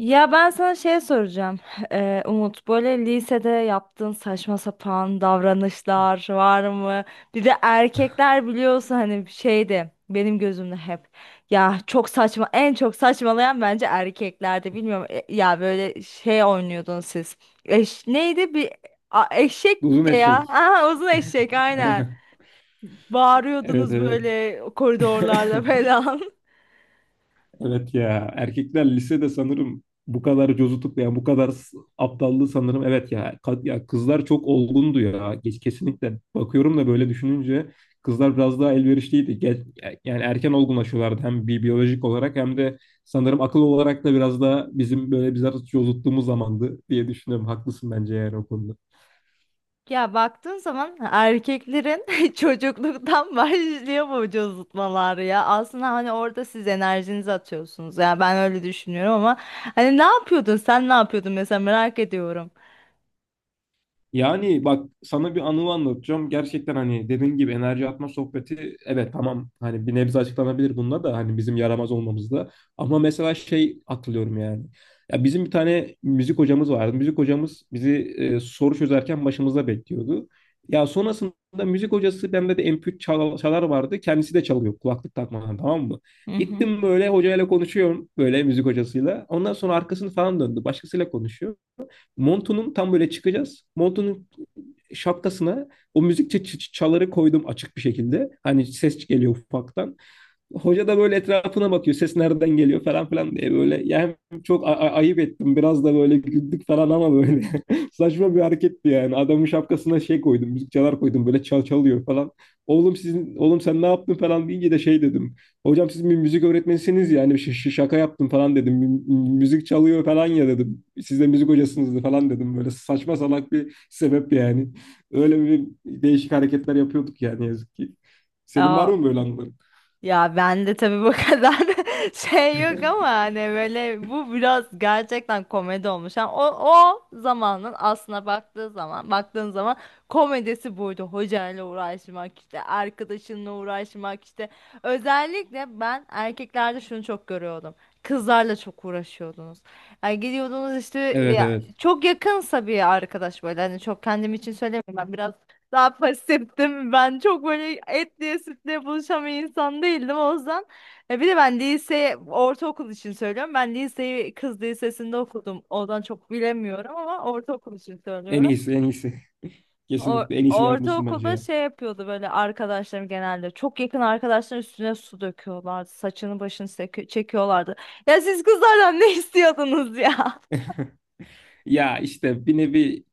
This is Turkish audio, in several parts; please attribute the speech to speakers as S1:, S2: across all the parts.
S1: Ya ben sana şey soracağım. Umut böyle lisede yaptığın saçma sapan davranışlar var mı? Bir de erkekler biliyorsun hani şeydi benim gözümde hep. Ya çok saçma en çok saçmalayan bence erkeklerde bilmiyorum. Ya böyle şey oynuyordun siz. Neydi bir eşek
S2: Uzun
S1: de ya.
S2: eşek.
S1: Aha, uzun eşek aynen.
S2: Evet,
S1: Bağırıyordunuz
S2: evet.
S1: böyle koridorlarda falan.
S2: Evet ya, erkekler lisede sanırım bu kadar cozutup ya bu kadar aptallığı sanırım, evet ya, ya kızlar çok olgundu ya geç, kesinlikle bakıyorum da böyle düşününce kızlar biraz daha elverişliydi. Yani erken olgunlaşıyorlardı, hem biyolojik olarak hem de sanırım akıl olarak da. Biraz daha bizim böyle bizler cozuttuğumuz zamandı diye düşünüyorum, haklısın bence yani o konuda.
S1: Ya baktığın zaman erkeklerin çocukluktan başlıyor bu vücutmalar ya. Aslında hani orada siz enerjinizi atıyorsunuz. Ya ben öyle düşünüyorum ama hani ne yapıyordun? Sen ne yapıyordun mesela merak ediyorum.
S2: Yani bak, sana bir anı anlatacağım. Gerçekten hani dediğim gibi enerji atma sohbeti, evet tamam, hani bir nebze açıklanabilir bununla da hani bizim yaramaz olmamızda. Ama mesela şey hatırlıyorum yani. Ya bizim bir tane müzik hocamız vardı. Müzik hocamız bizi soru çözerken başımızda bekliyordu. Ya sonrasında müzik hocası, bende de MP3 çalar vardı. Kendisi de çalıyor, kulaklık takmadan, tamam mı?
S1: Hı
S2: Gittim, böyle hocayla konuşuyorum, böyle müzik hocasıyla. Ondan sonra arkasını falan döndü. Başkasıyla konuşuyor. Montu'nun tam böyle çıkacağız. Montu'nun şapkasına o müzik çaları koydum, açık bir şekilde. Hani ses geliyor ufaktan. Hoca da böyle etrafına bakıyor. Ses nereden geliyor falan filan diye, böyle. Yani çok ayıp ettim. Biraz da böyle güldük falan, ama böyle. Saçma bir hareketti yani. Adamın şapkasına şey koydum. Müzik çalar koydum. Böyle çal çalıyor falan. Oğlum, sizin oğlum, sen ne yaptın falan deyince de şey dedim. Hocam, siz bir müzik öğretmenisiniz yani, şaka yaptım falan dedim. Müzik çalıyor falan ya" dedim. "Siz de müzik hocasınız" falan dedim. Böyle saçma salak bir sebep yani. Öyle bir değişik hareketler yapıyorduk yani, yazık ki. Senin var
S1: hı.
S2: mı böyle anıların?
S1: Ya ben de tabii bu kadar şey yok ama hani böyle bu biraz gerçekten komedi olmuş. Yani o zamanın aslına baktığı zaman baktığın zaman komedisi buydu. Hocayla uğraşmak işte arkadaşınla uğraşmak işte. Özellikle ben erkeklerde şunu çok görüyordum. Kızlarla çok uğraşıyordunuz. Yani gidiyordunuz işte
S2: Evet,
S1: ya,
S2: evet.
S1: çok yakınsa bir arkadaş böyle hani çok kendim için söylemiyorum ben biraz daha pasiftim. Ben çok böyle et diye sütle buluşan bir insan değildim o yüzden. E, bir de ben lise, ortaokul için söylüyorum. Ben liseyi kız lisesinde okudum. Oradan çok bilemiyorum ama ortaokul için
S2: En
S1: söylüyorum.
S2: iyisi, en iyisi. Kesinlikle en iyisini yapmışsın bence
S1: Ortaokulda
S2: ya.
S1: şey yapıyordu böyle arkadaşlarım genelde. Çok yakın arkadaşların üstüne su döküyorlardı. Saçını başını çekiyorlardı. Ya siz kızlardan ne istiyordunuz ya?
S2: Ya işte bir nevi,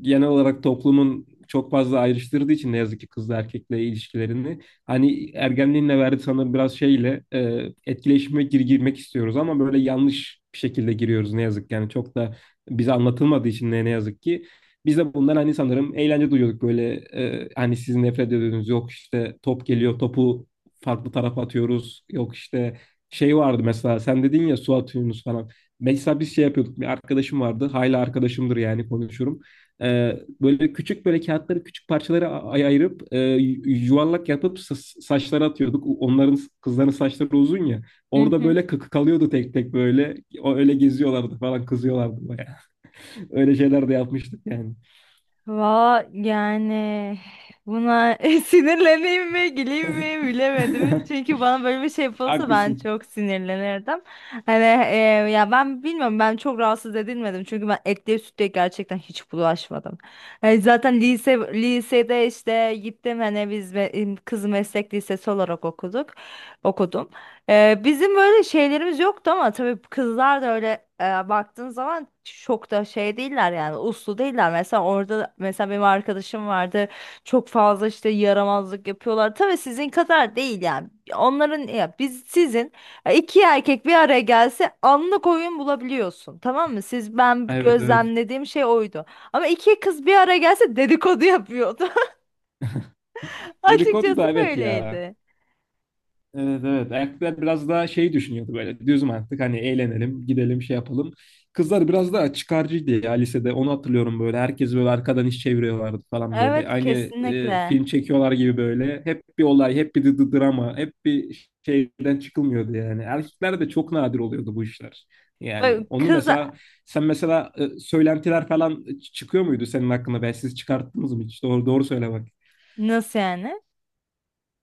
S2: genel olarak toplumun çok fazla ayrıştırdığı için ne yazık ki kızla erkekle ilişkilerini, hani ergenliğinle verdi sanırım biraz şeyle, etkileşime girmek istiyoruz ama böyle yanlış bir şekilde giriyoruz, ne yazık ki. Yani çok da bize anlatılmadığı için, ne yazık ki biz de bundan hani sanırım eğlence duyuyorduk böyle. Hani sizin nefret ediyorsunuz, yok işte top geliyor, topu farklı tarafa atıyoruz, yok işte şey vardı mesela. Sen dedin ya, su atıyorsunuz falan. Mesela biz şey yapıyorduk. Bir arkadaşım vardı. Hala arkadaşımdır yani, konuşurum. Böyle küçük, böyle kağıtları küçük parçalara ayırıp yuvarlak yapıp saçlara atıyorduk. Onların, kızların saçları uzun ya. Orada böyle kıkı kalıyordu tek tek böyle. O öyle geziyorlardı falan, kızıyorlardı bayağı. Öyle şeyler de yapmıştık yani.
S1: Va yani buna sinirleneyim mi güleyim mi bilemedim. Çünkü bana böyle bir şey yapılsa ben
S2: Haklısın.
S1: çok sinirlenirdim. Hani e, ya ben bilmiyorum ben çok rahatsız edilmedim. Çünkü ben etliye sütlüye gerçekten hiç bulaşmadım. Yani zaten lisede işte gittim hani biz kız meslek lisesi olarak okuduk. Okudum. Bizim böyle şeylerimiz yoktu ama tabii kızlar da öyle baktığın zaman çok da şey değiller yani uslu değiller. Mesela benim arkadaşım vardı çok fazla işte yaramazlık yapıyorlar. Tabii sizin kadar değil yani. Onların ya biz sizin iki erkek bir araya gelse anlık oyun bulabiliyorsun tamam mı? Siz ben
S2: Evet, evet.
S1: gözlemlediğim şey oydu. Ama iki kız bir araya gelse dedikodu yapıyordu.
S2: Dedikodu da
S1: Açıkçası
S2: evet ya.
S1: böyleydi.
S2: Evet, evet. Erkekler biraz daha şey düşünüyordu böyle. Düz mantık, hani eğlenelim, gidelim, şey yapalım. Kızlar biraz daha çıkarcıydı ya lisede. Onu hatırlıyorum böyle. Herkes böyle arkadan iş çeviriyorlardı falan böyle.
S1: Evet,
S2: Aynı
S1: kesinlikle.
S2: film çekiyorlar gibi böyle. Hep bir olay, hep bir drama, hep bir şeyden çıkılmıyordu yani. Erkeklerde çok nadir oluyordu bu işler. Yani
S1: Bak
S2: onu
S1: kız.
S2: mesela, sen mesela, söylentiler falan çıkıyor muydu senin hakkında? Ben, siz çıkarttınız mı hiç? Doğru doğru söyle.
S1: Nasıl yani?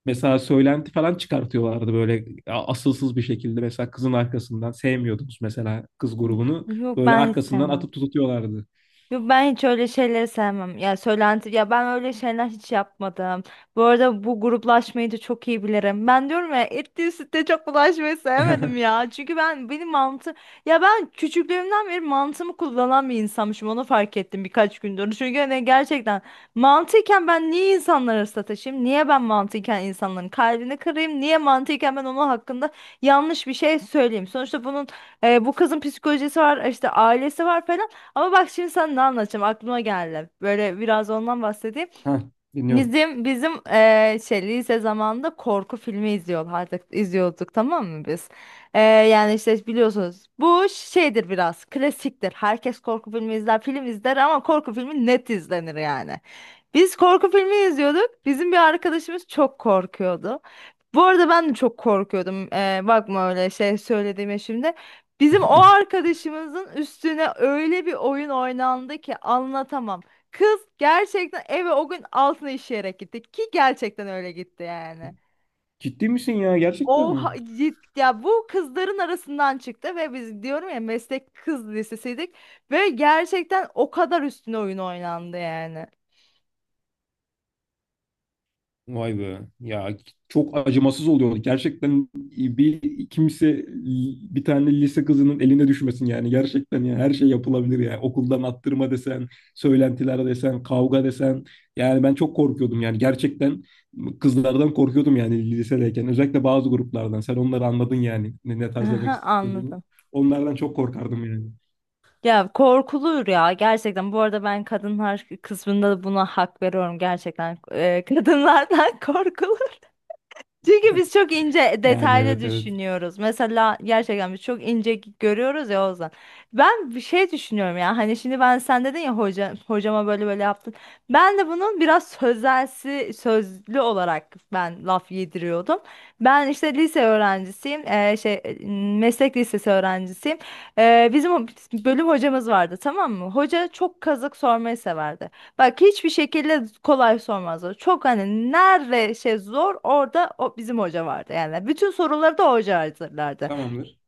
S2: Mesela söylenti falan çıkartıyorlardı böyle asılsız bir şekilde. Mesela kızın arkasından, sevmiyordunuz mesela kız grubunu.
S1: Yok,
S2: Böyle
S1: ben
S2: arkasından
S1: istemem.
S2: atıp tutuyorlardı.
S1: Yo, ben hiç öyle şeyleri sevmem. Ya söylenti ya ben öyle şeyler hiç yapmadım. Bu arada bu gruplaşmayı da çok iyi bilirim. Ben diyorum ya etli sütte çok bulaşmayı sevmedim ya. Çünkü ben benim mantı ya ben küçüklüğümden beri mantımı kullanan bir insanmışım. Onu fark ettim birkaç gündür. Çünkü hani gerçekten mantıyken ben niye insanları sataşayım? Niye ben mantıyken insanların kalbini kırayım? Niye mantıyken ben onun hakkında yanlış bir şey söyleyeyim? Sonuçta bunun bu kızın psikolojisi var, işte ailesi var falan. Ama bak şimdi sana ne anlatacağım aklıma geldi. Böyle biraz ondan bahsedeyim.
S2: Ha, dinliyorum.
S1: Bizim şey lise zamanında korku filmi izliyorlardı, izliyorduk tamam mı biz? Yani işte biliyorsunuz bu şeydir biraz klasiktir. Herkes korku filmi izler, film izler ama korku filmi net izlenir yani. Biz korku filmi izliyorduk. Bizim bir arkadaşımız çok korkuyordu. Bu arada ben de çok korkuyordum. Bakma öyle şey söylediğime şimdi. Bizim o arkadaşımızın üstüne öyle bir oyun oynandı ki anlatamam. Kız gerçekten eve o gün altını işeyerek gitti ki gerçekten öyle gitti yani.
S2: Ciddi misin ya? Gerçekten mi?
S1: Ya bu kızların arasından çıktı ve biz diyorum ya meslek kız lisesiydik ve gerçekten o kadar üstüne oyun oynandı yani.
S2: Vay be. Ya çok acımasız oluyor. Gerçekten bir kimse bir tane lise kızının eline düşmesin yani. Gerçekten ya, her şey yapılabilir ya. Okuldan attırma desen, söylentiler desen, kavga desen. Yani ben çok korkuyordum yani. Gerçekten kızlardan korkuyordum yani, lisedeyken. Özellikle bazı gruplardan. Sen onları anladın yani, ne tarz demek
S1: Aha,
S2: istediğimi.
S1: anladım.
S2: Onlardan çok korkardım yani.
S1: Ya korkulur ya gerçekten. Bu arada ben kadınlar kısmında da buna hak veriyorum gerçekten. Kadınlardan korkulur. Çünkü biz çok ince
S2: Yani
S1: detaylı
S2: evet, evet.
S1: düşünüyoruz. Mesela gerçekten biz çok ince görüyoruz ya Ozan. Ben bir şey düşünüyorum ya. Hani şimdi ben sen dedin ya hoca, hocama böyle böyle yaptın. Ben de bunun biraz sözelsi, sözlü olarak ben laf yediriyordum. Ben işte lise öğrencisiyim. Şey meslek lisesi öğrencisiyim. Bizim bölüm hocamız vardı tamam mı? Hoca çok kazık sormayı severdi. Bak hiçbir şekilde kolay sormazdı. Çok hani nerede şey zor orada o bizim hoca vardı. Yani bütün soruları da hoca hazırlardı.
S2: Tamamdır.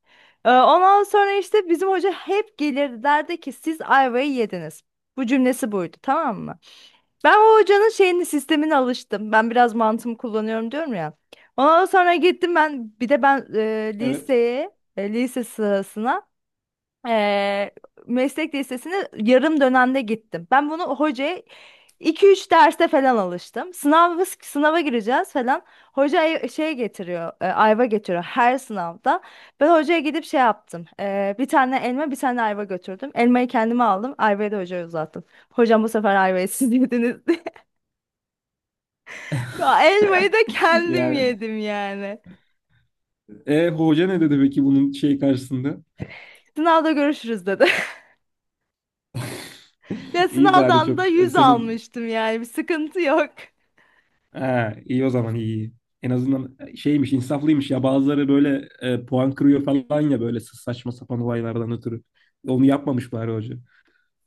S1: Ondan sonra işte bizim hoca hep gelirdi derdi ki siz ayvayı yediniz. Bu cümlesi buydu tamam mı? Ben o hocanın şeyini sistemine alıştım. Ben biraz mantığımı kullanıyorum diyorum ya. Ondan sonra gittim ben bir de ben
S2: Evet.
S1: liseye e, lise sırasına Eee, meslek lisesine yarım dönemde gittim. Ben bunu hocaya 2-3 derste falan alıştım. Sınava gireceğiz falan. Hoca şey getiriyor, ayva getiriyor her sınavda. Ben hocaya gidip şey yaptım. Bir tane elma, bir tane ayva götürdüm. Elmayı kendime aldım, ayvayı da hocaya uzattım. Hocam bu sefer ayvayı siz yediniz diye. Elmayı da kendim
S2: Yani.
S1: yedim yani.
S2: E, hoca ne dedi peki bunun şey karşısında?
S1: Sınavda görüşürüz dedi. Ya
S2: İyi bari,
S1: sınavdan da
S2: çok
S1: 100
S2: senin,
S1: almıştım yani bir sıkıntı yok.
S2: ha, iyi o zaman. İyi. İyi. En azından şeymiş, insaflıymış. Ya bazıları böyle puan kırıyor falan ya, böyle saçma sapan olaylardan ötürü. Onu yapmamış bari hoca.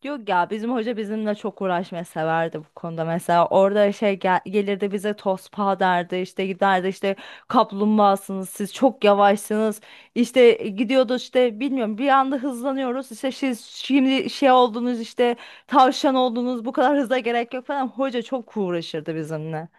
S1: Yok ya bizim hoca bizimle çok uğraşmayı severdi bu konuda mesela orada şey gelirdi bize tospa derdi işte giderdi işte kaplumbağasınız siz çok yavaşsınız işte gidiyordu işte bilmiyorum bir anda hızlanıyoruz işte siz şimdi şey oldunuz işte tavşan oldunuz bu kadar hıza gerek yok falan hoca çok uğraşırdı bizimle.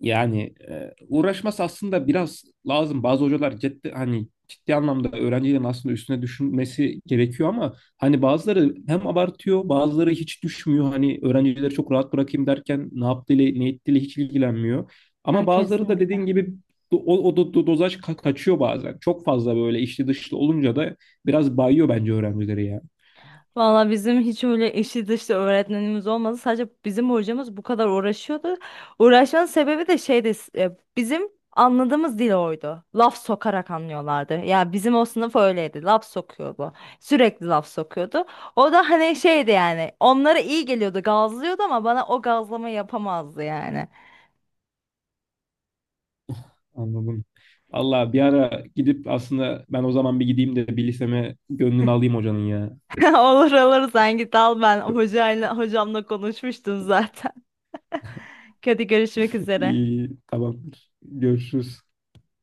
S2: Yani uğraşması aslında biraz lazım. Bazı hocalar ciddi, hani ciddi anlamda öğrencilerin aslında üstüne düşünmesi gerekiyor, ama hani bazıları hem abartıyor, bazıları hiç düşmüyor. Hani öğrencileri çok rahat bırakayım derken ne yaptığıyla ne ettiğiyle hiç ilgilenmiyor.
S1: Ha,
S2: Ama bazıları da
S1: kesinlikle.
S2: dediğin gibi dozaj kaçıyor bazen. Çok fazla böyle içli dışlı olunca da biraz bayıyor bence öğrencileri ya.
S1: Valla bizim hiç öyle eşi dışlı öğretmenimiz olmadı. Sadece bizim hocamız bu kadar uğraşıyordu. Uğraşmanın sebebi de şeydi. Bizim anladığımız dil oydu. Laf sokarak anlıyorlardı. Ya bizim o sınıf öyleydi. Laf sokuyordu. Sürekli laf sokuyordu. O da hani şeydi yani. Onlara iyi geliyordu, gazlıyordu ama bana o gazlama yapamazdı yani.
S2: Anladım. Allah, bir ara gidip, aslında ben o zaman bir gideyim de bir liseme, gönlünü alayım hocanın ya.
S1: Olur olur sen git al ben hocamla konuşmuştum zaten. Hadi görüşmek üzere.
S2: İyi, tamam. Görüşürüz.